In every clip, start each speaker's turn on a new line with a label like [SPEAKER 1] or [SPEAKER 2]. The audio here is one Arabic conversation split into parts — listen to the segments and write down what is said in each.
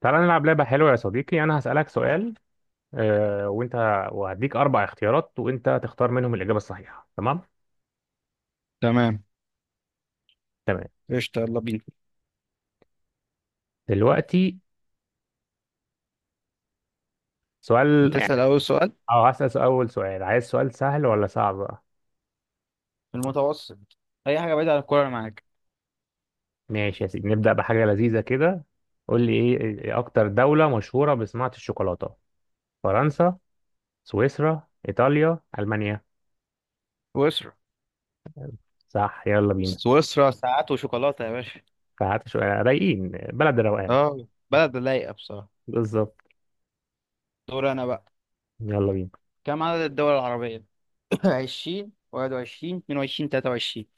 [SPEAKER 1] تعالى نلعب لعبة حلوة يا صديقي. أنا هسألك سؤال، وأنت وهديك أربع اختيارات وأنت تختار منهم الإجابة الصحيحة، تمام؟
[SPEAKER 2] تمام.
[SPEAKER 1] تمام.
[SPEAKER 2] قشطة، يلا بينا.
[SPEAKER 1] دلوقتي سؤال
[SPEAKER 2] هتسأل
[SPEAKER 1] يعني.
[SPEAKER 2] أول سؤال؟
[SPEAKER 1] أول سؤال، عايز سؤال سهل ولا صعب بقى؟
[SPEAKER 2] في المتوسط. أي حاجة بعيدة عن الكورة أنا معاك.
[SPEAKER 1] ماشي يا سيدي، نبدأ بحاجة لذيذة كده. قول لي إيه، أكتر دولة مشهورة بصناعة الشوكولاتة؟ فرنسا، سويسرا، إيطاليا، ألمانيا.
[SPEAKER 2] سويسرا.
[SPEAKER 1] صح، يلا بينا.
[SPEAKER 2] سويسرا ساعات وشوكولاتة يا باشا.
[SPEAKER 1] فهات شوية رايقين، بلد الروقان.
[SPEAKER 2] اه، بلد لايقة بصراحة.
[SPEAKER 1] بالظبط.
[SPEAKER 2] دور أنا بقى.
[SPEAKER 1] يلا بينا.
[SPEAKER 2] كم عدد الدول العربية؟ 20 21 22 23.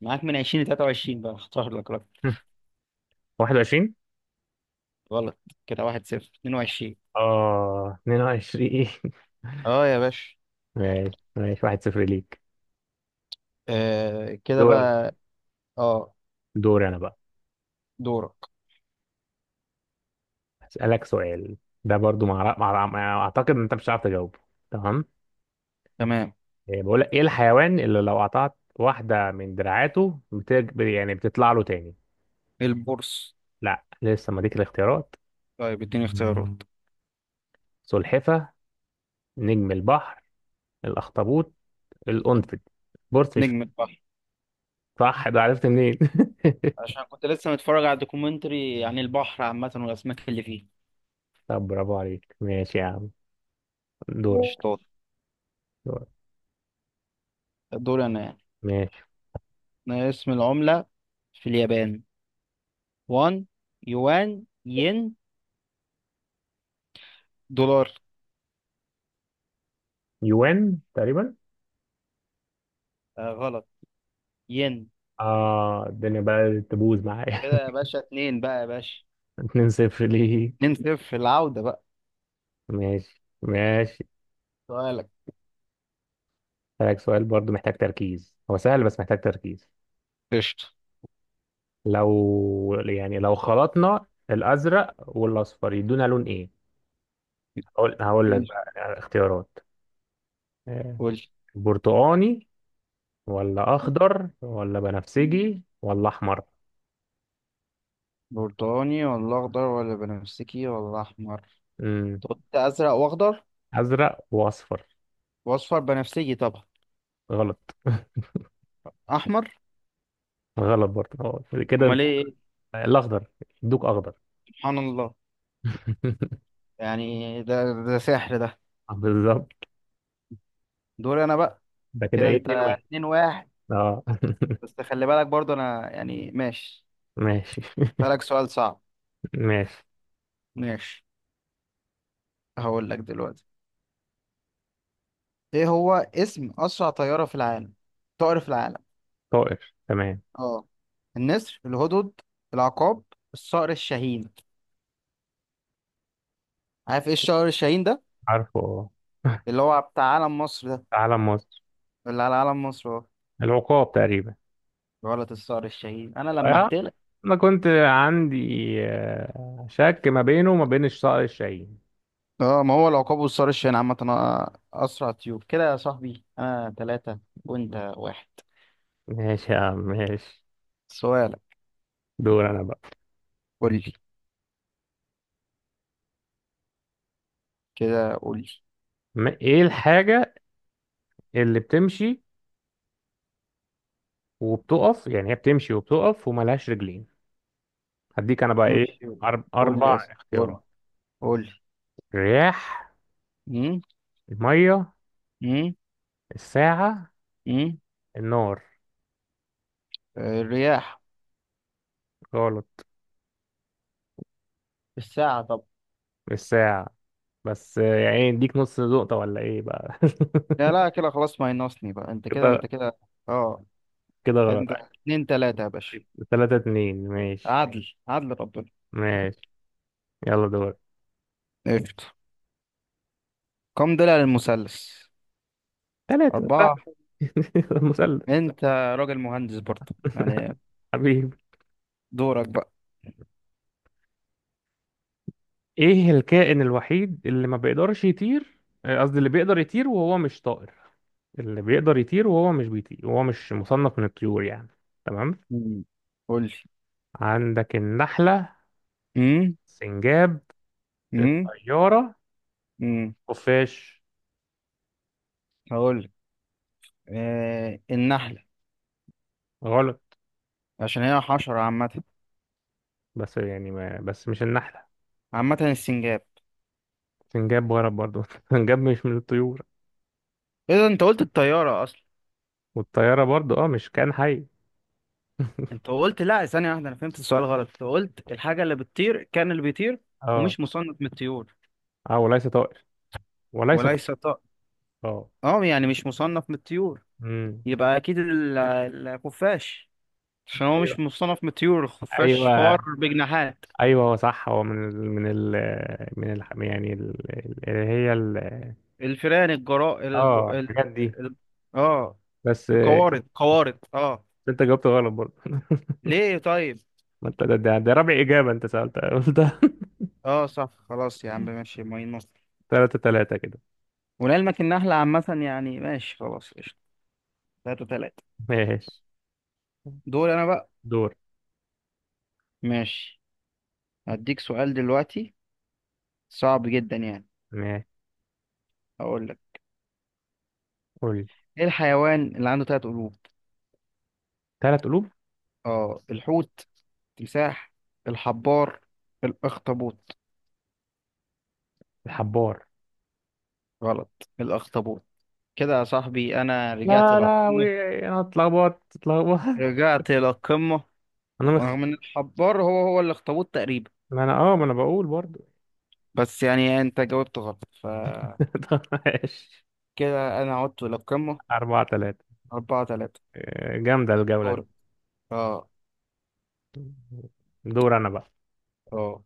[SPEAKER 2] معاك من 20 ل 23 بقى، اختار لك رقم.
[SPEAKER 1] 21.
[SPEAKER 2] غلط. كده 1-0. 22.
[SPEAKER 1] اه، 22.
[SPEAKER 2] اه يا باشا.
[SPEAKER 1] ماشي ماشي، 1-0 ليك.
[SPEAKER 2] آه كده
[SPEAKER 1] دور انا
[SPEAKER 2] بقى. اه.
[SPEAKER 1] دور انا بقى.
[SPEAKER 2] دورك.
[SPEAKER 1] هسألك سؤال. ده برضو اعتقد ان انت مش هتعرف تجاوبه، تمام؟
[SPEAKER 2] تمام.
[SPEAKER 1] بقول لك، ايه الحيوان اللي لو قطعت واحدة من دراعاته يعني بتطلع له تاني؟
[SPEAKER 2] البورصة.
[SPEAKER 1] لا، لسه ما ديك الاختيارات.
[SPEAKER 2] طيب اديني اختيارات.
[SPEAKER 1] سلحفة، نجم البحر، الاخطبوط، القنفذ. بورس مش.
[SPEAKER 2] نجم.
[SPEAKER 1] صح، ده عرفت منين؟
[SPEAKER 2] عشان كنت لسه متفرج على دوكيومنتري عن البحر عامة والأسماك اللي فيه.
[SPEAKER 1] طب برافو عليك، ماشي يا عم. دورك.
[SPEAKER 2] شطار.
[SPEAKER 1] دورك.
[SPEAKER 2] دول أنا يعني.
[SPEAKER 1] ماشي.
[SPEAKER 2] أنا اسم العملة في اليابان: وان، يوان، ين، دولار.
[SPEAKER 1] يوان تقريبا.
[SPEAKER 2] آه غلط. ين.
[SPEAKER 1] اه الدنيا بقى تبوظ معايا.
[SPEAKER 2] كده يا باشا، اتنين بقى يا باشا.
[SPEAKER 1] 2-0 ليه.
[SPEAKER 2] اتنين صفر العودة بقى.
[SPEAKER 1] ماشي ماشي.
[SPEAKER 2] سؤالك.
[SPEAKER 1] هسألك سؤال برضو، محتاج تركيز، هو سهل بس محتاج تركيز.
[SPEAKER 2] قشطة.
[SPEAKER 1] لو خلطنا الأزرق والأصفر يدونا لون إيه؟ هقول لك
[SPEAKER 2] قول.
[SPEAKER 1] بقى. اختيارات. آه،
[SPEAKER 2] قول.
[SPEAKER 1] برتقاني ولا أخضر ولا بنفسجي ولا أحمر.
[SPEAKER 2] برتقاني ولا أخضر ولا بنفسجي ولا أحمر.
[SPEAKER 1] مم.
[SPEAKER 2] كنت أزرق وأخضر.
[SPEAKER 1] أزرق وأصفر.
[SPEAKER 2] وأصفر بنفسجي طبعا.
[SPEAKER 1] غلط.
[SPEAKER 2] أحمر.
[SPEAKER 1] غلط برضه. كده انت.
[SPEAKER 2] أمال إيه.
[SPEAKER 1] الأخضر. يدوك أخضر.
[SPEAKER 2] سبحان الله. يعني ده سحر ده.
[SPEAKER 1] بالظبط.
[SPEAKER 2] دوري انا بقى.
[SPEAKER 1] ده كده
[SPEAKER 2] كده
[SPEAKER 1] إيه
[SPEAKER 2] انت
[SPEAKER 1] 2-1؟
[SPEAKER 2] اتنين واحد.
[SPEAKER 1] أه.
[SPEAKER 2] بس خلي بالك برضو انا يعني ماشي.
[SPEAKER 1] ماشي
[SPEAKER 2] بالك سؤال صعب.
[SPEAKER 1] ماشي.
[SPEAKER 2] ماشي. هقول لك دلوقتي. ايه هو اسم اسرع طيارة في العالم؟ طائر في العالم.
[SPEAKER 1] طائر تمام.
[SPEAKER 2] اه. النسر، الهدهد، العقاب، الصقر الشاهين. عارف ايه الصقر الشاهين ده؟
[SPEAKER 1] عارفه اه.
[SPEAKER 2] اللي هو بتاع علم مصر ده.
[SPEAKER 1] في علم مصر.
[SPEAKER 2] اللي على علم مصر اهو.
[SPEAKER 1] العقاب تقريبا.
[SPEAKER 2] غلط. الصقر الشاهين. انا
[SPEAKER 1] آه،
[SPEAKER 2] لمحت لك.
[SPEAKER 1] انا كنت عندي شك ما بينه وما بين الصقر الشاهين.
[SPEAKER 2] اه، ما هو العقاب والصقر الشاهين عامة اسرع طيور. كده يا صاحبي انا ثلاثة وانت واحد.
[SPEAKER 1] ماشي يا عم ماشي.
[SPEAKER 2] سؤالك.
[SPEAKER 1] دور انا بقى.
[SPEAKER 2] قول لي. كده قول لي.
[SPEAKER 1] ايه الحاجة اللي بتمشي وبتقف، يعني هي بتمشي وبتقف وملهاش رجلين؟ هديك انا بقى ايه
[SPEAKER 2] نمشي. قول لي،
[SPEAKER 1] اربع
[SPEAKER 2] اسف، قول.
[SPEAKER 1] اختيارات.
[SPEAKER 2] قول لي.
[SPEAKER 1] الرياح،
[SPEAKER 2] امم
[SPEAKER 1] المية، الساعة،
[SPEAKER 2] امم
[SPEAKER 1] النار.
[SPEAKER 2] الرياح.
[SPEAKER 1] غلط.
[SPEAKER 2] بالساعة طب.
[SPEAKER 1] الساعة. بس يعني اديك نص نقطة ولا ايه بقى؟
[SPEAKER 2] لا لا، كده خلاص ما ينقصني بقى. انت كده، انت كده. اه.
[SPEAKER 1] كده غلط.
[SPEAKER 2] انت اتنين تلاتة يا باشا.
[SPEAKER 1] 3-2. ماشي
[SPEAKER 2] عدل، ماشي، عدل ربنا.
[SPEAKER 1] ماشي. يلا دور.
[SPEAKER 2] قشطة. كم ضلع للمثلث؟
[SPEAKER 1] ثلاثة
[SPEAKER 2] أربعة.
[SPEAKER 1] صاحبي. المثلث.
[SPEAKER 2] أنت راجل مهندس برضه يعني.
[SPEAKER 1] حبيبي.
[SPEAKER 2] دورك بقى.
[SPEAKER 1] ايه الكائن الوحيد اللي ما بيقدرش يطير؟ قصدي اللي بيقدر يطير وهو مش طائر، اللي بيقدر يطير وهو مش بيطير وهو مش مصنف من الطيور يعني، تمام؟
[SPEAKER 2] مم. قول لي.
[SPEAKER 1] عندك النحلة،
[SPEAKER 2] امم
[SPEAKER 1] سنجاب،
[SPEAKER 2] امم
[SPEAKER 1] الطيارة،
[SPEAKER 2] امم
[SPEAKER 1] خفاش.
[SPEAKER 2] هقول لك. آه النحلة.
[SPEAKER 1] غلط.
[SPEAKER 2] عشان هي حشرة عامة.
[SPEAKER 1] بس يعني ما بس مش النحلة.
[SPEAKER 2] عامة، السنجاب.
[SPEAKER 1] سنجاب غلط برضو. سنجاب مش من الطيور.
[SPEAKER 2] إيه ده، أنت قلت الطيارة أصلا.
[SPEAKER 1] والطيارة برضو اه مش كائن حي.
[SPEAKER 2] انت قلت، لا ثانية واحدة، انا فهمت السؤال غلط. انت قلت الحاجة اللي بتطير، كان اللي بيطير
[SPEAKER 1] اه.
[SPEAKER 2] ومش مصنف من الطيور.
[SPEAKER 1] اه وليس طائر، وليس طائر.
[SPEAKER 2] وليس طائر.
[SPEAKER 1] اه.
[SPEAKER 2] اه، يعني مش مصنف من الطيور.
[SPEAKER 1] امم.
[SPEAKER 2] يبقى اكيد الخفاش. عشان هو
[SPEAKER 1] ايوه،
[SPEAKER 2] مش مصنف من الطيور. الخفاش
[SPEAKER 1] ايوه،
[SPEAKER 2] فار بجناحات.
[SPEAKER 1] ايوه، هو صح. هو من ال يعني اللي هي ال.
[SPEAKER 2] الفئران،
[SPEAKER 1] اه الحاجات دي.
[SPEAKER 2] ال... اه،
[SPEAKER 1] بس
[SPEAKER 2] القوارض، قوارض. اه.
[SPEAKER 1] انت جاوبت غلط برضه.
[SPEAKER 2] ليه طيب.
[SPEAKER 1] ما انت ده رابع اجابه انت سالتها. قلت
[SPEAKER 2] اه صح، خلاص يا عم، ماشي ماي نص.
[SPEAKER 1] 3-3. كده
[SPEAKER 2] ولعلمك النحلة عامة يعني، ماشي خلاص قشطة. تلاتة تلاتة.
[SPEAKER 1] ماشي.
[SPEAKER 2] دول انا بقى.
[SPEAKER 1] دور.
[SPEAKER 2] ماشي. هديك سؤال دلوقتي صعب جدا يعني.
[SPEAKER 1] ماشي.
[SPEAKER 2] اقول لك.
[SPEAKER 1] قول لي.
[SPEAKER 2] ايه الحيوان اللي عنده ثلاث قلوب؟
[SPEAKER 1] 3 قلوب.
[SPEAKER 2] اه، الحوت، تمساح، الحبار، الاخطبوط.
[SPEAKER 1] الحبار.
[SPEAKER 2] غلط. الاخطبوط. كده يا صاحبي انا رجعت
[SPEAKER 1] يا
[SPEAKER 2] للقمه،
[SPEAKER 1] لهوي. انا اتلخبطت اتلخبطت.
[SPEAKER 2] رجعت للقمه.
[SPEAKER 1] انا مخ...
[SPEAKER 2] رغم ان الحبار هو هو الاخطبوط تقريبا،
[SPEAKER 1] ما انا بقول برضه.
[SPEAKER 2] بس يعني انت جاوبت غلط فكده.
[SPEAKER 1] طب ماشي.
[SPEAKER 2] انا عدت للقمه.
[SPEAKER 1] 4-3.
[SPEAKER 2] أربعة ثلاثة.
[SPEAKER 1] جامدة الجولة دي.
[SPEAKER 2] دورك. اه.
[SPEAKER 1] دور أنا بقى.
[SPEAKER 2] اه.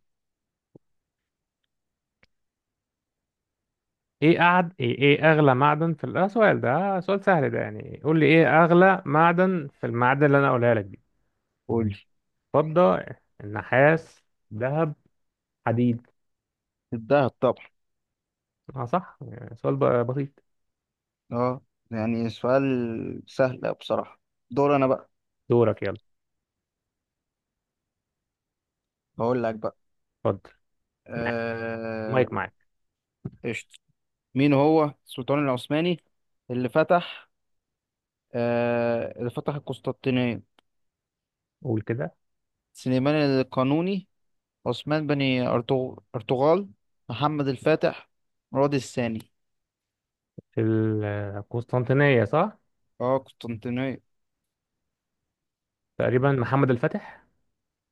[SPEAKER 1] إيه أغلى معدن في سؤال ده. سؤال سهل ده، يعني قول لي إيه أغلى معدن في المعادن اللي أنا قولها لك دي.
[SPEAKER 2] قولي.
[SPEAKER 1] فضة، النحاس، ذهب، حديد.
[SPEAKER 2] الدهب طبعا.
[SPEAKER 1] آه صح، يعني سؤال بسيط.
[SPEAKER 2] اه، يعني سؤال سهل بصراحة. دور انا بقى.
[SPEAKER 1] دورك يلا.
[SPEAKER 2] هقول لك بقى.
[SPEAKER 1] اتفضل. معاك.
[SPEAKER 2] آه،
[SPEAKER 1] مايك معاك.
[SPEAKER 2] قشطة. مين هو السلطان العثماني اللي فتح، اللي فتح القسطنطينية؟
[SPEAKER 1] قول كده.
[SPEAKER 2] سليمان القانوني، عثمان بن، أرطغرل، محمد الفاتح، مراد الثاني.
[SPEAKER 1] في القسطنطينية؟ صح.
[SPEAKER 2] اه، قسطنطينية.
[SPEAKER 1] تقريبا محمد الفاتح.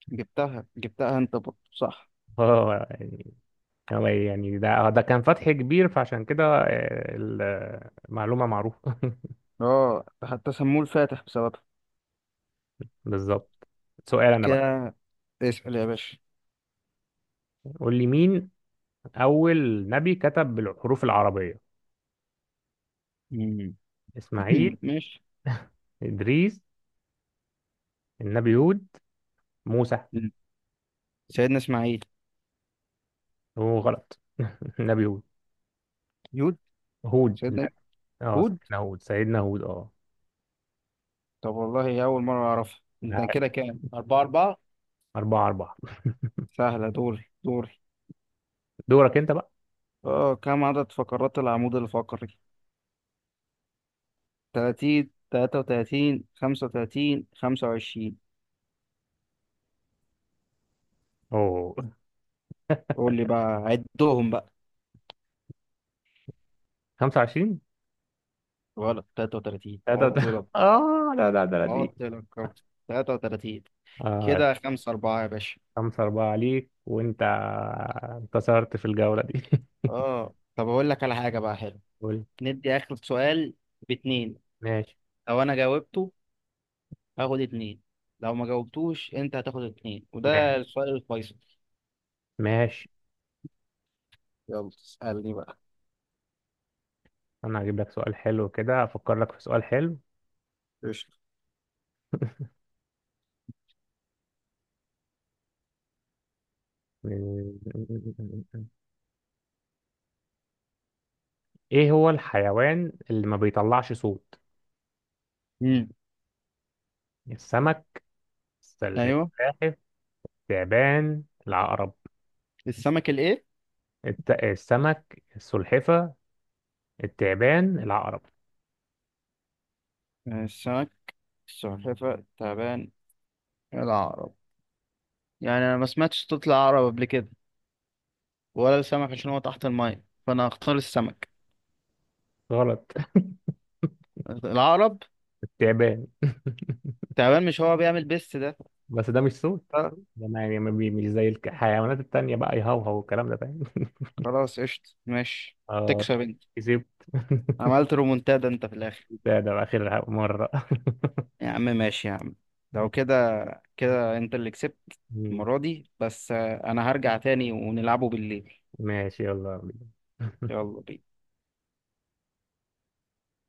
[SPEAKER 2] جبتها جبتها انت برضه، صح.
[SPEAKER 1] اه يعني، هو يعني ده كان فتح كبير، فعشان كده المعلومة معروفة.
[SPEAKER 2] اه حتى سموه الفاتح بسببها.
[SPEAKER 1] بالظبط. سؤال انا بقى.
[SPEAKER 2] كده اسأل يا باشا.
[SPEAKER 1] قول لي مين اول نبي كتب بالحروف العربية؟
[SPEAKER 2] مم.
[SPEAKER 1] اسماعيل،
[SPEAKER 2] ماشي.
[SPEAKER 1] ادريس، النبي هود، موسى.
[SPEAKER 2] سيدنا إسماعيل.
[SPEAKER 1] هو غلط. النبي هود.
[SPEAKER 2] يود.
[SPEAKER 1] هود.
[SPEAKER 2] سيدنا
[SPEAKER 1] اه
[SPEAKER 2] هود.
[SPEAKER 1] سيدنا هود، سيدنا هود، اه.
[SPEAKER 2] طب والله أول مرة أعرفها. انت كده كام؟ أربعة أربعة.
[SPEAKER 1] 4-4.
[SPEAKER 2] سهلة. دوري دوري.
[SPEAKER 1] دورك أنت بقى.
[SPEAKER 2] اه. كم عدد فقرات العمود الفقري؟ 30 33 35 25.
[SPEAKER 1] أوه.
[SPEAKER 2] قول لي بقى، عدهم بقى.
[SPEAKER 1] 25.
[SPEAKER 2] غلط. 33
[SPEAKER 1] لا ده ده.
[SPEAKER 2] عط لك.
[SPEAKER 1] آه لا لا ده دي.
[SPEAKER 2] كم؟ 33.
[SPEAKER 1] آه.
[SPEAKER 2] كده 5-4 يا باشا.
[SPEAKER 1] 5-4 عليك، وأنت انتصرت في الجولة دي.
[SPEAKER 2] اه، طب اقول لك على حاجة بقى حلو.
[SPEAKER 1] قول.
[SPEAKER 2] ندي آخر سؤال باتنين.
[SPEAKER 1] ماشي
[SPEAKER 2] لو انا جاوبته هاخد اتنين، لو ما جاوبتوش انت هتاخد اتنين،
[SPEAKER 1] ماشي
[SPEAKER 2] وده السؤال الفيصل.
[SPEAKER 1] ماشي.
[SPEAKER 2] يلا اسألني بقى.
[SPEAKER 1] أنا هجيب لك سؤال حلو كده، أفكر لك في سؤال حلو.
[SPEAKER 2] قشطة.
[SPEAKER 1] ايه هو الحيوان اللي ما بيطلعش صوت؟
[SPEAKER 2] امم
[SPEAKER 1] السمك،
[SPEAKER 2] ايوه.
[SPEAKER 1] السلاحف، التعبان، العقرب.
[SPEAKER 2] السمك الايه.
[SPEAKER 1] السمك، السلحفة، التعبان، العقرب.
[SPEAKER 2] السمك، السلحفة، تعبان، العقرب. يعني أنا ما سمعتش صوت العقرب قبل كده، ولا السمك عشان هو تحت المية، فأنا هختار السمك.
[SPEAKER 1] غلط.
[SPEAKER 2] العقرب.
[SPEAKER 1] التعبان.
[SPEAKER 2] تعبان، مش هو بيعمل بيست ده؟
[SPEAKER 1] بس ده مش صوت.
[SPEAKER 2] آه،
[SPEAKER 1] ده ما يعني ما بي- مش زي الحيوانات التانية بقى، يهوهو والكلام ده، فاهم؟
[SPEAKER 2] خلاص قشطة ماشي.
[SPEAKER 1] اه.
[SPEAKER 2] تكسب أنت.
[SPEAKER 1] كسبت.
[SPEAKER 2] عملت رومونتادا أنت في الآخر.
[SPEAKER 1] ده بقى آخر مرة.
[SPEAKER 2] يا عم ماشي يا عم. لو كده، كده أنت اللي كسبت المرة دي. بس أنا هرجع تاني ونلعبه بالليل.
[SPEAKER 1] ماشي، يلا بينا.
[SPEAKER 2] يلا بينا